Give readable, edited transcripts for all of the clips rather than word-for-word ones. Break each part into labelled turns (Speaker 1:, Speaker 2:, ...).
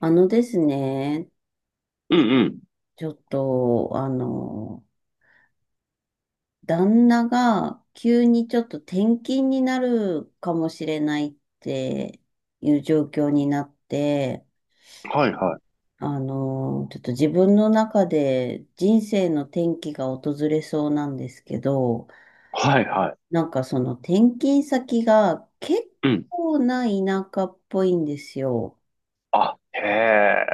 Speaker 1: あのですね、
Speaker 2: うんうん。
Speaker 1: ちょっと、あの、旦那が急にちょっと転勤になるかもしれないっていう状況になって、
Speaker 2: はいはい。
Speaker 1: ちょっと自分の中で人生の転機が訪れそうなんですけど、
Speaker 2: はいは
Speaker 1: なんかその転勤先が結
Speaker 2: い。うん。
Speaker 1: 構な田舎っぽいんですよ。
Speaker 2: あ、へえ。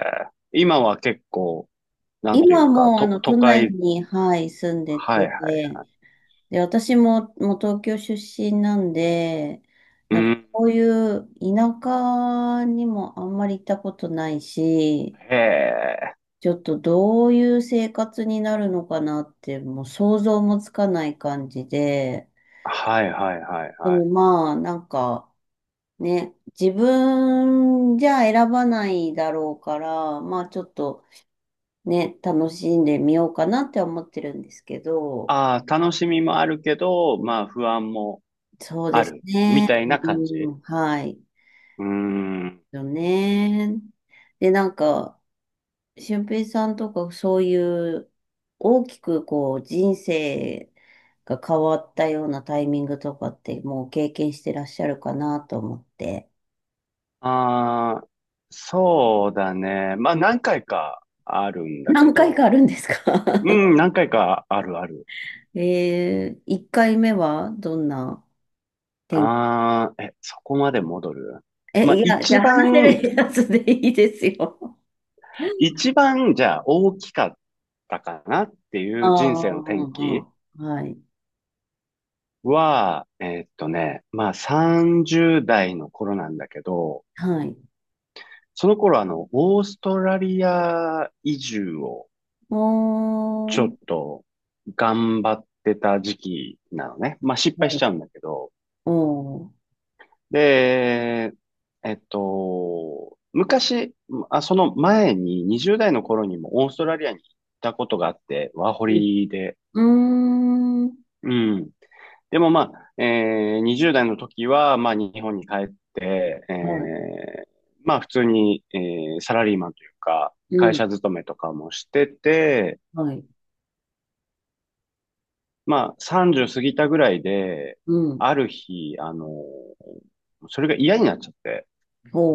Speaker 2: 今は結構、なんとい
Speaker 1: 今
Speaker 2: うか、
Speaker 1: もう
Speaker 2: 都
Speaker 1: 都内
Speaker 2: 会、
Speaker 1: に、はい、住んで
Speaker 2: はい
Speaker 1: て、
Speaker 2: はい。
Speaker 1: で、私も、もう東京出身なんで、
Speaker 2: う
Speaker 1: なんか
Speaker 2: ん。
Speaker 1: こういう田舎にもあんまり行ったことないし、
Speaker 2: へえ。
Speaker 1: ちょっとどういう生活になるのかなって、もう想像もつかない感じで、
Speaker 2: はいはいはい
Speaker 1: で
Speaker 2: はい。
Speaker 1: もまあ、なんかね、自分じゃ選ばないだろうから、まあちょっとね、楽しんでみようかなって思ってるんですけど、
Speaker 2: ああ、楽しみもあるけど、まあ不安も
Speaker 1: そうで
Speaker 2: あ
Speaker 1: す
Speaker 2: る。み
Speaker 1: ね。
Speaker 2: たいな感
Speaker 1: う
Speaker 2: じ。
Speaker 1: ん、はい。
Speaker 2: うーん。
Speaker 1: よね。で、なんか、俊平さんとかそういう大きくこう人生が変わったようなタイミングとかってもう経験してらっしゃるかなと思って。
Speaker 2: ああ、そうだね。まあ何回かあるんだけ
Speaker 1: 何回か
Speaker 2: ど。
Speaker 1: あるんですか？
Speaker 2: うん、何回かあるある。
Speaker 1: 1回目はどんな天
Speaker 2: ああ、え、そこまで戻る？
Speaker 1: え、
Speaker 2: まあ
Speaker 1: いや、じ
Speaker 2: 一
Speaker 1: ゃあ話せ
Speaker 2: 番
Speaker 1: るやつでいいですよ。
Speaker 2: 一番、じゃあ、大きかったかなってい
Speaker 1: あ
Speaker 2: う人生
Speaker 1: あ、
Speaker 2: の
Speaker 1: う
Speaker 2: 転
Speaker 1: んう
Speaker 2: 機
Speaker 1: んうん。はい。
Speaker 2: は、まあ、30代の頃なんだけど、
Speaker 1: はい。
Speaker 2: その頃、オーストラリア移住を
Speaker 1: お
Speaker 2: ちょっ
Speaker 1: ー。
Speaker 2: と頑張ってた時期なのね。まあ、失敗
Speaker 1: は
Speaker 2: し
Speaker 1: い。
Speaker 2: ちゃうんだけど。
Speaker 1: おー。
Speaker 2: で、昔、まあ、その前に20代の頃にもオーストラリアに行ったことがあって、ワーホ
Speaker 1: う
Speaker 2: リで。
Speaker 1: ん。うーん。
Speaker 2: うん。でもまあ、20代の時は、まあ、日本に帰って、
Speaker 1: は
Speaker 2: まあ、普通に、サラリーマンというか、
Speaker 1: い。う
Speaker 2: 会
Speaker 1: ん。
Speaker 2: 社勤めとかもしてて、
Speaker 1: はい。
Speaker 2: まあ、30過ぎたぐらいで、
Speaker 1: うん。
Speaker 2: ある日、それが嫌になっちゃって、
Speaker 1: ほ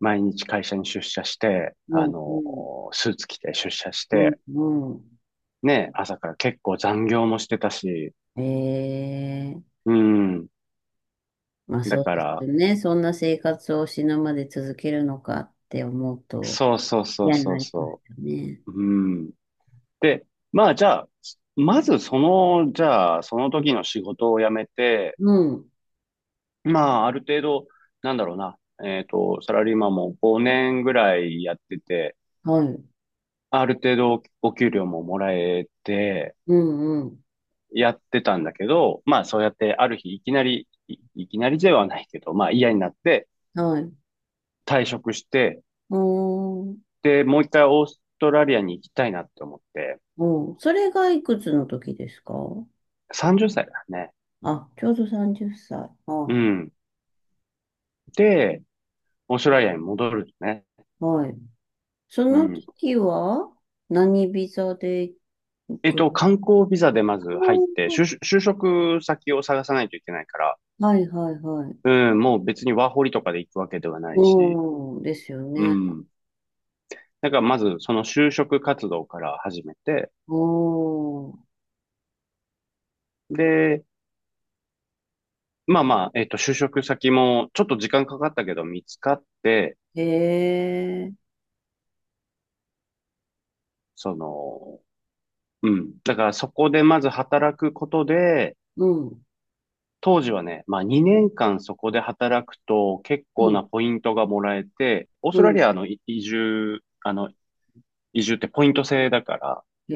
Speaker 2: 毎日会社に出社して、
Speaker 1: う。うん。うん。
Speaker 2: スーツ着て出社し
Speaker 1: うん。
Speaker 2: て、
Speaker 1: うん。
Speaker 2: ね、朝から結構残業もしてたし、
Speaker 1: ええ。
Speaker 2: うん。
Speaker 1: まあ
Speaker 2: だ
Speaker 1: そう
Speaker 2: か
Speaker 1: ですよ
Speaker 2: ら、
Speaker 1: ね。そんな生活を死ぬまで続けるのかって思うと
Speaker 2: そうそうそう
Speaker 1: 嫌に
Speaker 2: そ
Speaker 1: な
Speaker 2: う
Speaker 1: ります
Speaker 2: そ
Speaker 1: よね。
Speaker 2: う、うん。で、まあじゃあ、まずその、じゃあ、その時の仕事を辞めて、
Speaker 1: うん。
Speaker 2: まあある程度、なんだろうな、サラリーマンも5年ぐらいやってて、
Speaker 1: はい。
Speaker 2: ある程度お給料ももらえて、
Speaker 1: うん。うん。
Speaker 2: やってたんだけど、まあそうやってある日いきなり、いきなりではないけど、まあ嫌になって
Speaker 1: はい。
Speaker 2: 退職して、
Speaker 1: おー。
Speaker 2: で、もう一回オーストラリアに行きたいなって思って、
Speaker 1: おー。それがいくつの時ですか？
Speaker 2: 30歳だね。
Speaker 1: あ、ちょうど30歳。
Speaker 2: う
Speaker 1: あ
Speaker 2: ん。で、オーストラリアに戻るね。
Speaker 1: あはい。そ
Speaker 2: う
Speaker 1: の
Speaker 2: ん。
Speaker 1: 時は何ビザで行く？
Speaker 2: 観光ビザでまず
Speaker 1: あ
Speaker 2: 入って、
Speaker 1: ー
Speaker 2: 就職先を探さないといけないから、
Speaker 1: はいはいはい。
Speaker 2: うん、もう別にワーホリとかで行くわけではないし、
Speaker 1: うん、ですよ
Speaker 2: う
Speaker 1: ね。
Speaker 2: ん。だからまずその就職活動から始めて、
Speaker 1: おー、
Speaker 2: で、まあまあ、就職先もちょっと時間かかったけど見つかって、
Speaker 1: へえ、
Speaker 2: その、うん。だからそこでまず働くことで、
Speaker 1: うん、
Speaker 2: 当時はね、まあ2年間そこで働くと結
Speaker 1: う
Speaker 2: 構
Speaker 1: ん、
Speaker 2: なポイントがもらえて、オース
Speaker 1: う
Speaker 2: トラ
Speaker 1: ん、
Speaker 2: リアの移住、移住ってポイント制だから、
Speaker 1: へ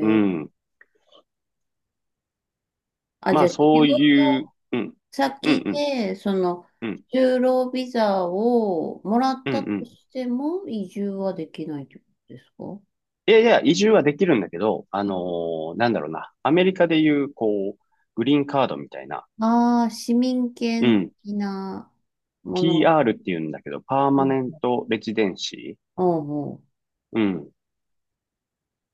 Speaker 2: う
Speaker 1: え。
Speaker 2: ん。
Speaker 1: あ、
Speaker 2: ま
Speaker 1: じゃ
Speaker 2: あ
Speaker 1: あ
Speaker 2: そ
Speaker 1: 仕
Speaker 2: うい
Speaker 1: 事
Speaker 2: う、うん、うん、
Speaker 1: 先
Speaker 2: うん、
Speaker 1: で、その、
Speaker 2: うん、
Speaker 1: 就労ビザをもらっ
Speaker 2: うん、
Speaker 1: たと
Speaker 2: うん。
Speaker 1: しても移住はできないってことですか？
Speaker 2: いやいや、移住はできるんだけど、なんだろうな。アメリカでいう、こう、グリーンカードみたいな、
Speaker 1: ああー、市民
Speaker 2: う
Speaker 1: 権
Speaker 2: ん。
Speaker 1: 的なもの。
Speaker 2: PR って言うんだけど、パー
Speaker 1: う
Speaker 2: マ
Speaker 1: ん、
Speaker 2: ネントレジデンシ
Speaker 1: おうおう。
Speaker 2: ー、うん。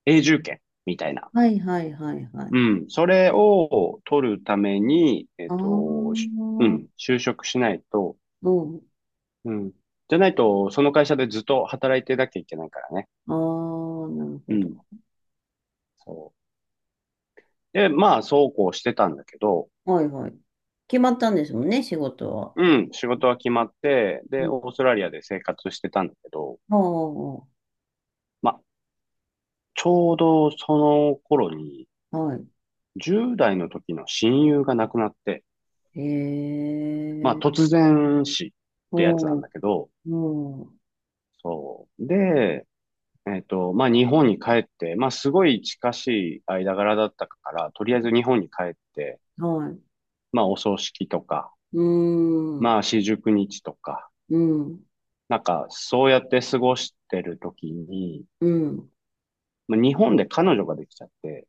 Speaker 2: 永住権みたいな。
Speaker 1: はいはいはいは
Speaker 2: う
Speaker 1: い。
Speaker 2: ん。それを取るために、
Speaker 1: ああ、
Speaker 2: う
Speaker 1: う
Speaker 2: ん。
Speaker 1: ん。
Speaker 2: 就職しないと、うん。じゃないと、その会社でずっと働いてなきゃいけないからね。
Speaker 1: ああ、なる
Speaker 2: う
Speaker 1: ほ
Speaker 2: ん。
Speaker 1: ど。
Speaker 2: そう。で、まあ、そうこうしてたんだけど、
Speaker 1: はいはい。決まったんですもんね、仕事は。
Speaker 2: うん、仕事は決まって、
Speaker 1: う
Speaker 2: で、
Speaker 1: ん。
Speaker 2: オーストラリアで生活してたんだけど、
Speaker 1: ああ、
Speaker 2: まあ、ちょうどその頃に、
Speaker 1: は
Speaker 2: 10代の時の親友が亡くなって、
Speaker 1: い。へ
Speaker 2: まあ、
Speaker 1: え、
Speaker 2: 突然死ってやつな
Speaker 1: お
Speaker 2: ん
Speaker 1: う、
Speaker 2: だけど、
Speaker 1: おう、
Speaker 2: そう。で、まあ、日本に帰って、まあ、すごい近しい間柄だったから、とりあえず日本に帰って、
Speaker 1: はい。
Speaker 2: まあ、お葬式とか、
Speaker 1: うー
Speaker 2: ま
Speaker 1: ん、
Speaker 2: あ、四十九日とか、
Speaker 1: うん、
Speaker 2: なんか、そうやって過ごしてる時に、
Speaker 1: うん、
Speaker 2: まあ日本で彼女ができちゃって、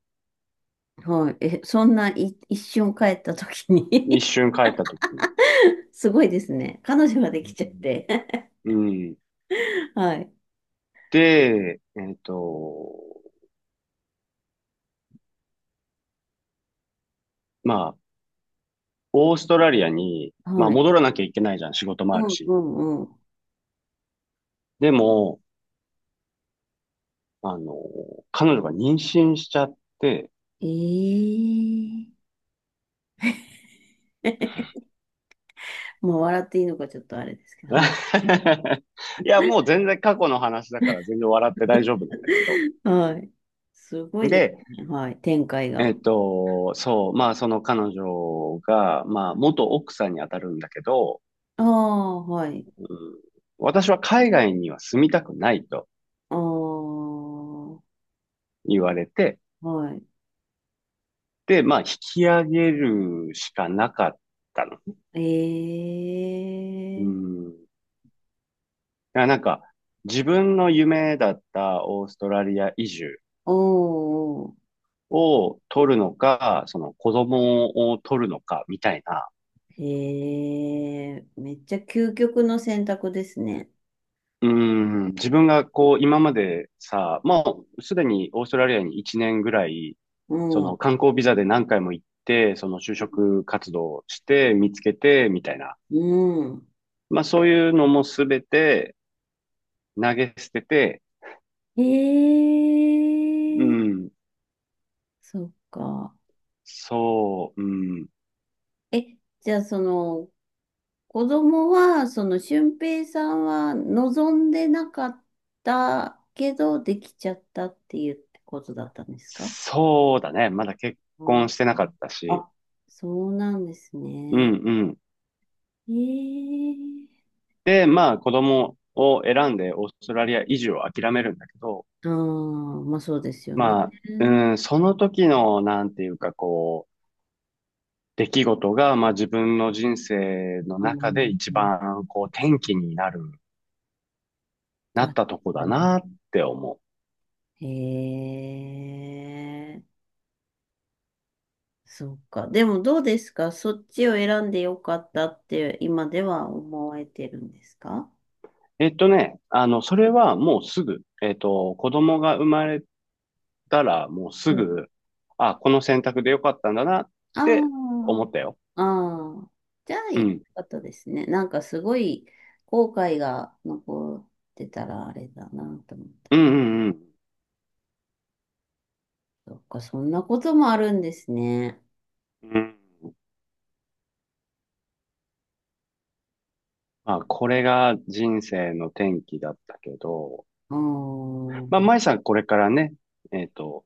Speaker 1: はい。え、そんない一瞬帰った時
Speaker 2: 一
Speaker 1: に？
Speaker 2: 瞬帰った時に、
Speaker 1: すごいですね。彼女ができちゃって。
Speaker 2: うん。
Speaker 1: はい、
Speaker 2: で、まあ、オーストラリアに、まあ、
Speaker 1: はい。
Speaker 2: 戻らなきゃいけないじゃん、仕事も
Speaker 1: う
Speaker 2: ある
Speaker 1: ん、
Speaker 2: し。
Speaker 1: うん、うん。
Speaker 2: でも、あの、彼女が妊娠しちゃって、
Speaker 1: ええ。 まあ、笑っていいのかちょっとあれですけど、は
Speaker 2: いや、もう全然過去の話だから全然笑って大丈夫なんだけど。
Speaker 1: い。はい。すごいです
Speaker 2: で、
Speaker 1: ね。はい。展開が。
Speaker 2: そう、まあ、その彼女が、まあ、元奥さんに当たるんだけど、
Speaker 1: ああ、はい。
Speaker 2: うん。私は海外には住みたくないと
Speaker 1: ああ、は
Speaker 2: 言われて、
Speaker 1: い。
Speaker 2: で、まあ、引き上げるしかなかったの。う
Speaker 1: ええ。
Speaker 2: ん。だからなんか、自分の夢だったオーストラリア移住
Speaker 1: おーお
Speaker 2: を取るのか、その子供を取るのか、みたいな。
Speaker 1: ー、へえ、めっちゃ究極の選択ですね。
Speaker 2: うん。自分がこう、今までさ、もうすでにオーストラリアに1年ぐらい、そ
Speaker 1: うん。
Speaker 2: の観光ビザで何回も行って、その就職活動して、見つけて、みたいな。
Speaker 1: うん。
Speaker 2: まあそういうのもすべて投げ捨てて、
Speaker 1: へ
Speaker 2: う
Speaker 1: え。
Speaker 2: ん、
Speaker 1: そっか。
Speaker 2: そう、うん、
Speaker 1: え、じゃあその、子供は、その、俊平さんは望んでなかったけど、できちゃったっていうことだったんですか？
Speaker 2: そうだね。まだ結婚し
Speaker 1: あ
Speaker 2: てなかったし、
Speaker 1: あ、そうなんです
Speaker 2: うんう
Speaker 1: ね。
Speaker 2: ん。
Speaker 1: ええ。
Speaker 2: で、まあ子供を選んでオーストラリア移住を諦めるんだけど、
Speaker 1: ああー、まあそうですよね。
Speaker 2: まあ、うん、その時の、なんていうかこう、出来事が、まあ自分の人生の
Speaker 1: あ
Speaker 2: 中で一
Speaker 1: の、
Speaker 2: 番こう転機になる、なっ
Speaker 1: だ、
Speaker 2: たとこだなって思う。
Speaker 1: へえ、そうか。でもどうですかそっちを選んでよかったって今では思われてるんですか？
Speaker 2: それはもうすぐ、子供が生まれたらもうす
Speaker 1: うん。
Speaker 2: ぐ、あ、この選択でよかったんだなって
Speaker 1: あ
Speaker 2: 思ったよ。
Speaker 1: あ、ああ、じゃあ、
Speaker 2: う
Speaker 1: よ
Speaker 2: ん。
Speaker 1: かったですね。なんかすごい後悔が残ってたらあれだなと思う。
Speaker 2: うんうんうん。
Speaker 1: そっか、そんなこともあるんですね。
Speaker 2: うん。まあ、これが人生の転機だったけど、
Speaker 1: うー
Speaker 2: まあ、
Speaker 1: ん、
Speaker 2: 舞さんこれからね、えっと、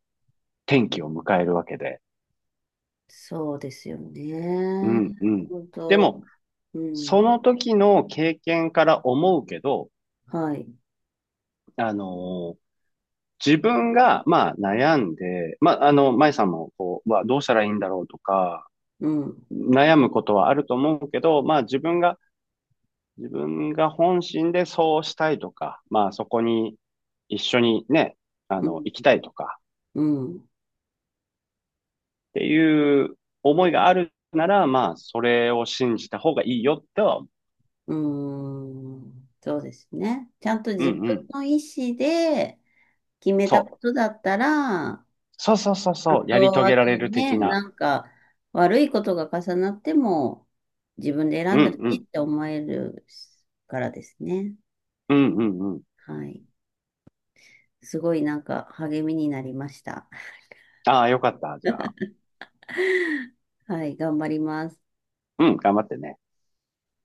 Speaker 2: 転機を迎えるわけで。
Speaker 1: そうですよ
Speaker 2: う
Speaker 1: ね。
Speaker 2: んうん。
Speaker 1: 本
Speaker 2: で
Speaker 1: 当、
Speaker 2: も、
Speaker 1: う
Speaker 2: そ
Speaker 1: ん、
Speaker 2: の時の経験から思うけど、
Speaker 1: はい、
Speaker 2: あの自分が、まあ、悩んで、まあ、舞さんも、こう、はどうしたらいいんだろうとか、
Speaker 1: うん、
Speaker 2: 悩むことはあると思うけど、まあ、自分が本心でそうしたいとか、まあ、そこに一緒にね、
Speaker 1: うん、
Speaker 2: 行きたいとか、
Speaker 1: うん、
Speaker 2: っていう思いがあるなら、まあ、それを信じた方がいいよっては、
Speaker 1: うん、そうですね。ちゃんと
Speaker 2: うん
Speaker 1: 自分
Speaker 2: うん、
Speaker 1: の意思で決めた
Speaker 2: そ
Speaker 1: こ
Speaker 2: う。
Speaker 1: とだったら、
Speaker 2: そうそうそう
Speaker 1: あ
Speaker 2: そう、やり
Speaker 1: と、
Speaker 2: 遂
Speaker 1: あ
Speaker 2: げられ
Speaker 1: と
Speaker 2: る
Speaker 1: ね、
Speaker 2: 的な。
Speaker 1: なんか悪いことが重なっても自分で
Speaker 2: う
Speaker 1: 選
Speaker 2: ん
Speaker 1: んだ
Speaker 2: う
Speaker 1: し
Speaker 2: ん、
Speaker 1: って思えるからですね。
Speaker 2: うんうんうん。
Speaker 1: はい。すごいなんか励みになりました。
Speaker 2: ああ、よかった、じゃあ。
Speaker 1: はい、頑張ります。
Speaker 2: うん、頑張ってね。